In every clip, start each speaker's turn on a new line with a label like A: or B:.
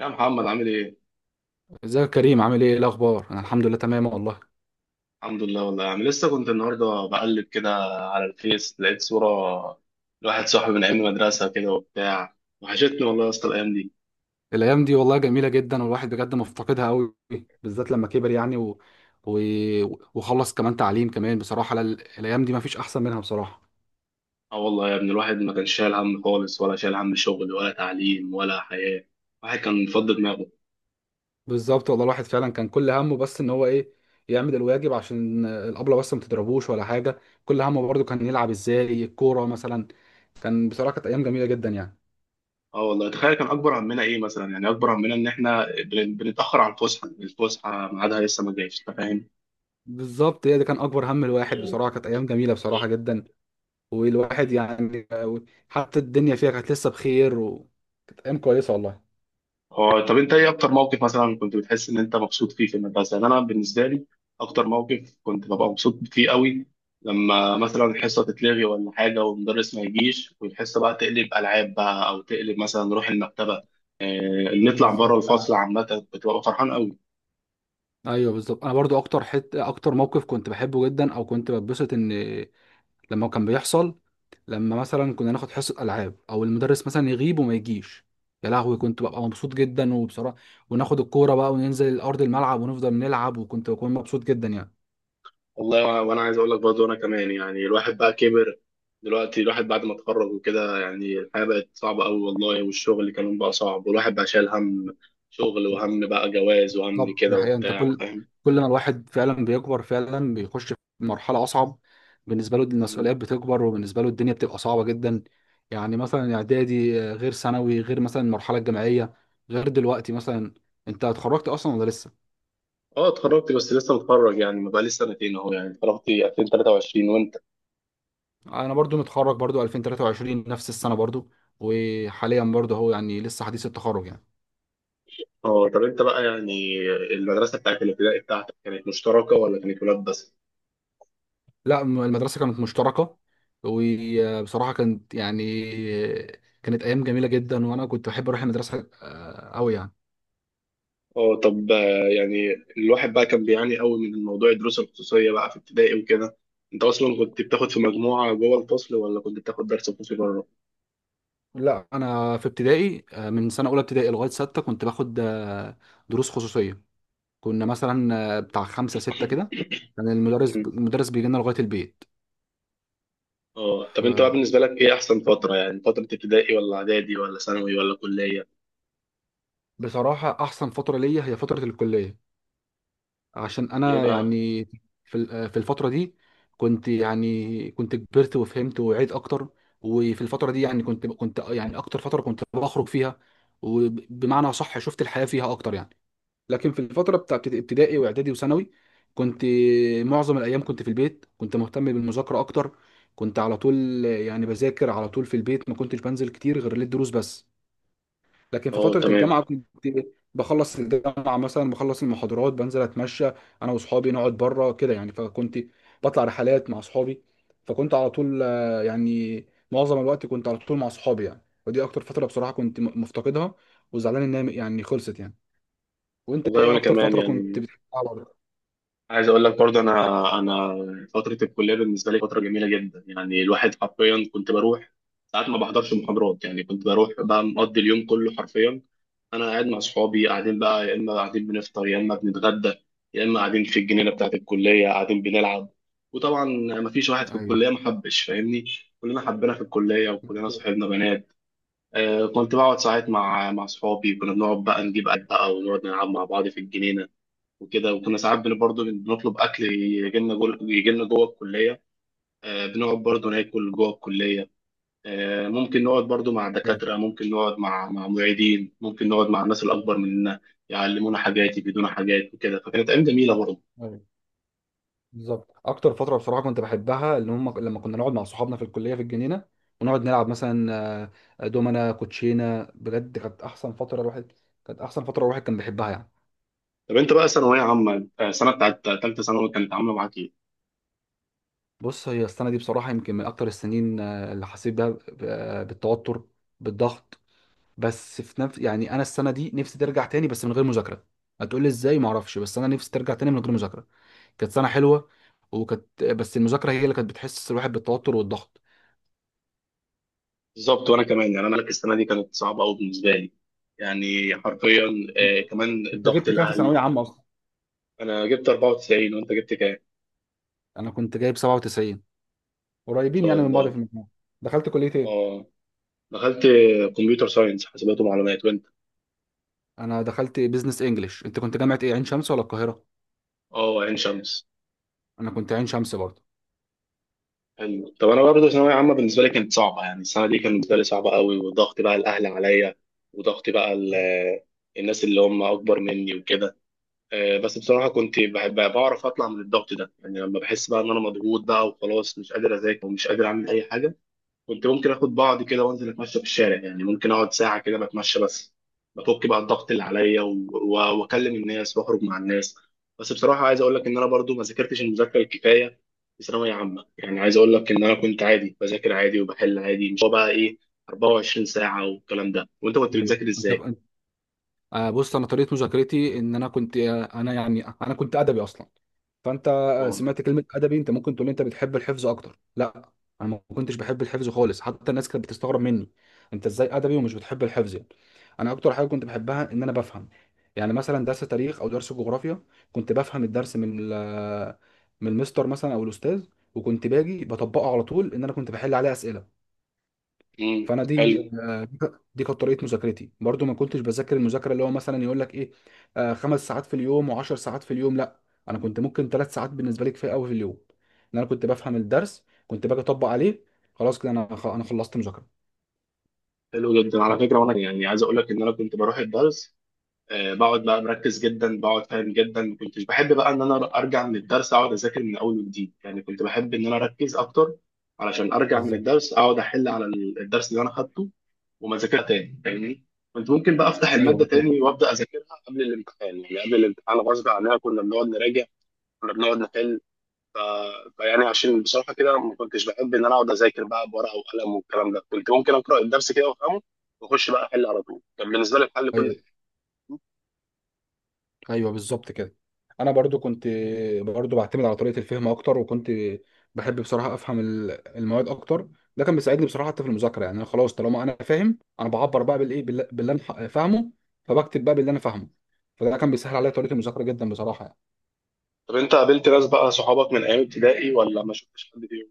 A: يا محمد عامل ايه؟
B: ازيك يا كريم، عامل ايه الاخبار؟ انا الحمد لله تمام والله.
A: الحمد لله والله يا عم، لسه كنت النهارده بقلب كده على الفيس، لقيت صورة لواحد صاحبي من ايام المدرسة كده وبتاع. وحشتني والله يا اسطى الايام دي.
B: الايام دي والله جميله جدا، والواحد بجد مفتقدها قوي، بالذات لما كبر يعني و... وخلص كمان تعليم كمان، بصراحه الايام دي ما فيش احسن منها بصراحه.
A: اه والله يا ابني، الواحد ما كانش شايل هم خالص ولا شايل هم شغل ولا تعليم ولا حياة. الواحد كان فض دماغه.
B: بالظبط والله، الواحد فعلا كان كل همه بس ان هو ايه، يعمل الواجب عشان الابله بس ما تضربوش ولا حاجه. كل همه برضه كان يلعب ازاي الكوره مثلا. بصراحه كانت ايام جميله جدا يعني.
A: اه والله، تخيل كان اكبر همنا ايه مثلا؟ يعني اكبر همنا ان احنا بنتأخر على الفسحة، الفسحة ميعادها لسه ما جايش، انت فاهم؟
B: بالظبط، هي ده كان اكبر هم الواحد. بصراحه كانت ايام جميله بصراحه جدا، والواحد يعني حتى الدنيا فيها كانت لسه بخير، وكانت ايام كويسه والله.
A: هو طب انت ايه اكتر موقف مثلا كنت بتحس ان انت مبسوط فيه في المدرسه؟ يعني انا بالنسبه لي اكتر موقف كنت ببقى مبسوط فيه قوي لما مثلا الحصه تتلغي ولا حاجه والمدرس ما يجيش، والحصه بقى تقلب العاب بقى او تقلب مثلا نروح المكتبه. اه نطلع بره
B: بالظبط انا.
A: الفصل عامه، كنت ببقى فرحان قوي.
B: ايوه بالظبط، انا برضو اكتر اكتر موقف كنت بحبه جدا، او كنت بتبسط ان لما كان بيحصل، لما مثلا كنا ناخد حصه العاب، او المدرس مثلا يغيب وما يجيش، يا لهوي كنت ببقى مبسوط جدا. وبصراحه وناخد الكوره بقى وننزل ارض الملعب ونفضل نلعب، وكنت بكون مبسوط جدا يعني.
A: والله وانا عايز اقول لك برضه انا كمان، يعني الواحد بقى كبر دلوقتي، الواحد بعد ما اتخرج وكده يعني الحياه بقت صعبه قوي والله، والشغل اللي كمان بقى صعب، والواحد بقى شايل هم شغل وهم بقى جواز وهم
B: بالظبط، دي
A: كده
B: حقيقة. انت
A: وبتاع،
B: كل
A: فاهم.
B: كل ما الواحد فعلا بيكبر، فعلا بيخش في مرحلة أصعب، بالنسبة له المسؤوليات بتكبر، وبالنسبة له الدنيا بتبقى صعبة جدا. يعني مثلا إعدادي غير ثانوي، غير مثلا المرحلة الجامعية، غير دلوقتي مثلا. أنت اتخرجت أصلا ولا لسه؟
A: اه اتخرجت بس لسه متخرج، يعني ما بقى لي سنتين اهو، يعني اتخرجت 2023. وانت؟
B: أنا برضو متخرج، برضو 2023، نفس السنة برضو. وحاليا برضو هو يعني لسه حديث التخرج يعني.
A: اه طب انت بقى يعني المدرسه بتاعت الابتدائي بتاعتك كانت مشتركه ولا كانت ولاد بس؟
B: لا، المدرسة كانت مشتركة، وبصراحة كانت يعني كانت أيام جميلة جدا، وأنا كنت بحب أروح المدرسة أوي يعني.
A: اه طب يعني الواحد بقى كان بيعاني قوي من الموضوع، الدروس الخصوصية بقى في ابتدائي وكده، انت اصلا كنت بتاخد في مجموعة جوه الفصل ولا كنت بتاخد درس خصوصي بره؟
B: لا، انا في ابتدائي من سنه اولى ابتدائي لغايه سته كنت باخد دروس خصوصيه. كنا مثلا بتاع خمسه سته كده كان المدرس
A: مم.
B: المدرس بيجي لنا لغايه البيت.
A: اه طب انت بقى بالنسبة لك ايه احسن فترة؟ يعني فترة ابتدائي ولا اعدادي ولا ثانوي ولا كلية؟
B: فبصراحه احسن فتره ليا هي فتره الكليه، عشان
A: ليه
B: انا
A: بقى؟
B: يعني في ال- آه، في الفتره دي كنت يعني كنت كبرت وفهمت وعيت اكتر. وفي الفتره دي يعني كنت يعني اكتر فتره كنت بخرج فيها، وبمعنى صح شفت الحياه فيها اكتر يعني. لكن في الفترة بتاعت ابتدائي واعدادي وثانوي، كنت معظم الايام كنت في البيت، كنت مهتم بالمذاكرة اكتر. كنت على طول يعني بذاكر على طول في البيت، ما كنتش بنزل كتير غير للدروس بس. لكن في
A: اه
B: فترة الجامعة
A: تمام.
B: كنت بخلص الجامعة مثلا، بخلص المحاضرات بنزل اتمشى انا واصحابي، نقعد بره كده يعني. فكنت بطلع رحلات مع اصحابي، فكنت على طول يعني معظم الوقت كنت على طول مع اصحابي يعني. ودي اكتر فترة بصراحة كنت مفتقدها، وزعلان ان هي يعني خلصت يعني. وانت
A: والله
B: ايه
A: وانا
B: اكتر
A: كمان
B: فتره كنت
A: يعني
B: بتحبها برضه؟
A: عايز اقول لك برضه انا فترة الكلية بالنسبة لي فترة جميلة جدا، يعني الواحد حرفيا كنت بروح ساعات ما بحضرش محاضرات، يعني كنت بروح بقى مقضي اليوم كله حرفيا انا قاعد مع اصحابي، قاعدين بقى يا اما قاعدين بنفطر يا اما بنتغدى، يا اما قاعدين في الجنينه بتاعت الكليه قاعدين بنلعب. وطبعا ما فيش واحد في
B: ايوه
A: الكليه ما حبش، فاهمني؟ كلنا حبينا في الكليه وكلنا
B: بالظبط.
A: صاحبنا بنات. آه كنت بقعد ساعات مع اصحابي، كنا بنقعد بقى نجيب اكل بقى ونقعد نلعب مع بعض في الجنينه وكده. وكنا ساعات برضه بنطلب اكل يجي لنا جوه الكليه. آه بنقعد برضه ناكل جوه الكليه. ممكن نقعد برضو مع
B: ايوه،
A: دكاترة، ممكن نقعد مع معيدين، ممكن نقعد مع الناس الأكبر مننا يعلمونا حاجات، يفيدونا حاجات وكده، فكانت أيام جميلة برضو.
B: ايوه بالظبط، اكتر فتره بصراحه كنت بحبها اللي هم لما كنا نقعد مع صحابنا في الكليه، في الجنينه، ونقعد نلعب مثلا دومنا كوتشينه، بجد كانت احسن فتره الواحد كان بيحبها يعني.
A: طب أنت بقى ثانوية عامة، السنة بتاعت تالتة ثانوي كانت عاملة معاك إيه؟
B: بص، هي السنه دي بصراحه يمكن من اكتر السنين اللي حسيت بيها بالتوتر، بالضغط. بس في نفس يعني انا السنه دي نفسي ترجع تاني بس من غير مذاكره. هتقول لي ازاي؟ ما اعرفش، بس انا نفسي ترجع تاني من غير مذاكره. كانت سنه حلوه، وكانت بس المذاكره هي اللي كانت بتحسس الواحد بالتوتر والضغط.
A: بالظبط، وأنا كمان يعني أنا لك السنة دي كانت صعبة أوي بالنسبة لي يعني حرفيا. كمان
B: انت
A: الضغط
B: جبت كام في
A: الأهل.
B: ثانويه عامه اصلا؟
A: أنا جبت 94، وأنت جبت كام؟
B: انا كنت جايب 97،
A: ما
B: قريبين
A: شاء
B: يعني من بعض في
A: الله.
B: المجموع. دخلت كليه ايه؟
A: أه دخلت كمبيوتر ساينس حاسبات ومعلومات، وأنت؟
B: انا دخلت بيزنس انجلش. انت كنت جامعه ايه، عين شمس ولا القاهره؟
A: أه عين شمس.
B: انا كنت عين شمس برضه.
A: حلو. طب انا برضه ثانويه عامه بالنسبه لي كانت صعبه، يعني السنه دي كانت بالنسبه لي صعبه قوي، وضغط بقى الاهل عليا، وضغط بقى الناس اللي هم اكبر مني وكده. بس بصراحه كنت بحب بعرف اطلع من الضغط ده، يعني لما بحس بقى ان انا مضغوط بقى وخلاص مش قادر اذاكر ومش قادر اعمل اي حاجه، كنت ممكن اخد بعضي كده وانزل اتمشى في الشارع، يعني ممكن اقعد ساعه كده بتمشى بس بفك بقى الضغط اللي عليا، واكلم الناس واخرج مع الناس. بس بصراحه عايز اقول لك ان انا برضو ما ذاكرتش المذاكره الكفايه في ثانويه عامه، يعني عايز اقول لك ان انا كنت عادي بذاكر عادي وبحل عادي، مش هو بقى ايه 24 ساعه والكلام ده. وانت كنت
B: ايوه.
A: بتذاكر
B: انت
A: ازاي؟
B: أنت- آه، بص، انا طريقه مذاكرتي ان انا كنت آه، انا يعني انا كنت ادبي اصلا. فانت
A: اه.
B: سمعت كلمه ادبي، انت ممكن تقول لي انت بتحب الحفظ اكتر؟ لا، انا ما كنتش بحب الحفظ خالص، حتى الناس كانت بتستغرب مني، انت ازاي ادبي ومش بتحب الحفظ يعني؟ انا اكتر حاجه كنت بحبها ان انا بفهم. يعني مثلا درس تاريخ او درس جغرافيا، كنت بفهم الدرس من من المستر مثلا او الاستاذ، وكنت باجي بطبقه على طول، ان انا كنت بحل عليه اسئله.
A: امم.
B: فانا
A: حلو.
B: دي كانت طريقه مذاكرتي. برضو ما كنتش بذاكر المذاكره اللي هو مثلا يقول لك ايه 5 ساعات في اليوم و10 ساعات في اليوم، لا. انا كنت ممكن 3 ساعات بالنسبه لي كفايه قوي في اليوم، ان انا كنت بفهم الدرس، كنت باجي اطبق عليه، خلاص كده انا انا خلصت مذاكره.
A: حلو جدا على
B: ف-
A: فكره. وانا يعني عايز اقول لك ان انا كنت بروح الدرس، بقعد بقى مركز جدا، بقعد فاهم جدا، ما كنتش بحب بقى ان انا ارجع من الدرس اقعد اذاكر من اول وجديد، يعني كنت بحب ان انا اركز اكتر علشان ارجع من
B: بالظبط.
A: الدرس اقعد احل على الدرس اللي انا خدته، وما اذاكرها تاني، فاهمني؟ كنت ممكن بقى افتح
B: ايوه
A: الماده
B: بالظبط.
A: تاني وابدا اذاكرها قبل الامتحان، يعني قبل الامتحان غصب عننا كنا بنقعد نراجع، كنا بنقعد نحل. ف... فيعني عشان بصراحه كده ما كنتش بحب ان انا اقعد اذاكر بقى بورقه وقلم والكلام ده، كنت ممكن اقرا الدرس كده وافهمه واخش بقى احل على طول، كان بالنسبه لي الحل كل.
B: ايوه، ايوه بالظبط كده. انا برضو كنت برضو بعتمد على طريقه الفهم اكتر، وكنت بحب بصراحه افهم المواد اكتر. ده كان بيساعدني بصراحه حتى في المذاكره يعني، انا خلاص طالما انا فاهم، انا بعبر بقى بالايه باللي انا فاهمه، فبكتب بقى باللي انا فاهمه. فده كان بيسهل عليا طريقه المذاكره جدا بصراحه يعني.
A: طب انت قابلت ناس بقى صحابك من ايام ابتدائي ولا ما شفتش حد فيهم؟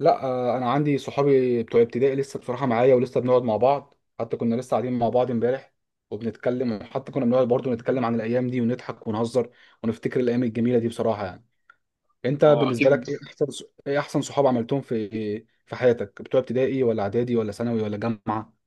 B: لا انا عندي صحابي بتوع ابتدائي لسه بصراحه معايا، ولسه بنقعد مع بعض، حتى كنا لسه قاعدين مع بعض امبارح وبنتكلم، وحتى كنا بنقعد برضو نتكلم عن الايام دي ونضحك ونهزر، ونفتكر الايام الجميله دي بصراحه يعني. انت
A: هو
B: بالنسبه
A: اكيد.
B: لك ايه احسن صحاب عملتهم في حياتك، بتوع ابتدائي ولا اعدادي ولا ثانوي ولا جامعه؟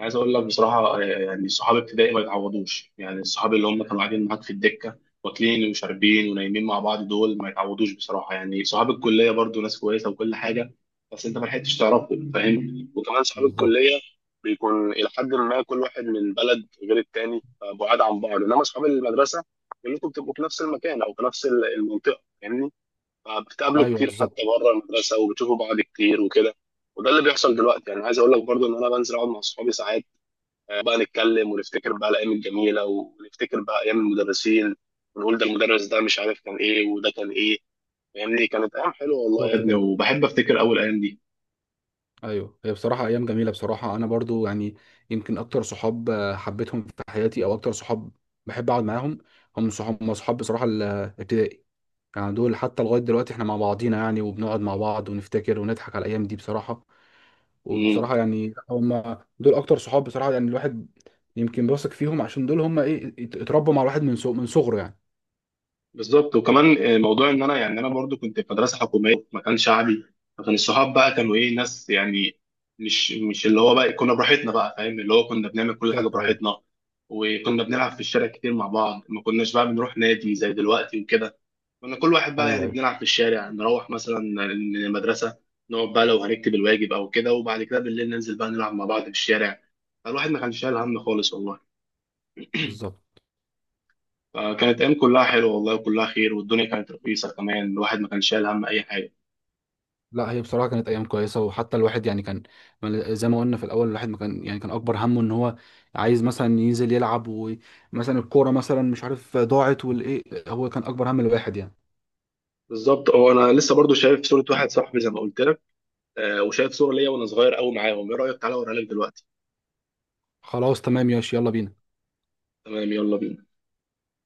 A: عايز اقول لك بصراحه، يعني صحاب ابتدائي ما يتعوضوش، يعني الصحاب اللي هم كانوا قاعدين معاك في الدكه واكلين وشاربين ونايمين مع بعض دول ما يتعوضوش بصراحه. يعني صحاب الكليه برضو ناس كويسه وكل حاجه، بس انت ما لحقتش تعرفهم، فاهم؟ وكمان صحاب
B: بالظبط.
A: الكليه بيكون الى حد ما كل بعد من بلد غير التاني، فبعاد عن بعض. انما اصحاب المدرسه كلكم بتبقوا في نفس المكان او في نفس المنطقه يعني، فبتقابله
B: ايوه
A: كتير حتى
B: بالظبط،
A: بره المدرسه وبتشوفوا بعض كتير وكده. وده اللي بيحصل دلوقتي، يعني عايز اقول لك برضو ان انا بنزل اقعد مع صحابي ساعات، بقى نتكلم ونفتكر بقى الايام الجميله، ونفتكر بقى ايام المدرسين، ونقول ده المدرس ده مش عارف كان ايه وده كان ايه، فاهمني؟ كانت ايام حلوه والله يا
B: بالظبط
A: ابني،
B: كده.
A: وبحب افتكر اول ايام
B: ايوه، هي بصراحه ايام جميله. بصراحه انا برضو يعني يمكن اكتر صحاب حبيتهم في حياتي، او اكتر صحاب بحب اقعد معاهم، هم صحاب بصراحه الابتدائي. يعني دول حتى لغايه دلوقتي احنا مع بعضينا يعني، وبنقعد مع بعض ونفتكر ونضحك على الايام دي بصراحه.
A: دي.
B: وبصراحه يعني هم دول اكتر صحاب بصراحه يعني، الواحد يمكن بيثق فيهم، عشان دول هم ايه، اتربوا مع الواحد من من صغره يعني.
A: بالظبط. وكمان موضوع ان انا يعني انا برضو كنت في مدرسه حكوميه في مكان شعبي، فكان الصحاب بقى كانوا ايه، ناس يعني مش اللي هو بقى كنا براحتنا بقى، فاهم؟ اللي هو كنا بنعمل كل حاجه
B: بالظبط. ايوه،
A: براحتنا، وكنا بنلعب في الشارع كتير مع بعض، ما كناش بقى بنروح نادي زي دلوقتي وكده. كنا كل واحد بقى
B: ايوه،
A: يعني
B: ايوه
A: بنلعب في الشارع، نروح مثلا من المدرسه نقعد بقى لو هنكتب الواجب او كده، وبعد كده بالليل ننزل بقى نلعب مع بعض في الشارع. فالواحد ما كانش شايل هم خالص والله.
B: بالظبط.
A: فكانت ايام كلها حلوه والله، وكلها خير، والدنيا كانت رخيصه كمان، الواحد ما كانش شايل هم اي حاجه.
B: لا، هي بصراحه كانت ايام كويسه. وحتى الواحد يعني كان زي ما قلنا في الاول، الواحد ما كان يعني كان اكبر همه ان هو عايز مثلا ينزل يلعب، ومثلا الكوره مثلا مش عارف ضاعت، والايه، هو كان اكبر هم الواحد يعني.
A: بالظبط. هو انا لسه برضو شايف صوره واحد صاحبي زي ما قلت لك، وشايف صوره ليا وانا صغير قوي معاهم، ايه رايك تعالى اوريها لك دلوقتي؟
B: خلاص تمام ياش، يلا بينا.
A: تمام يلا بينا.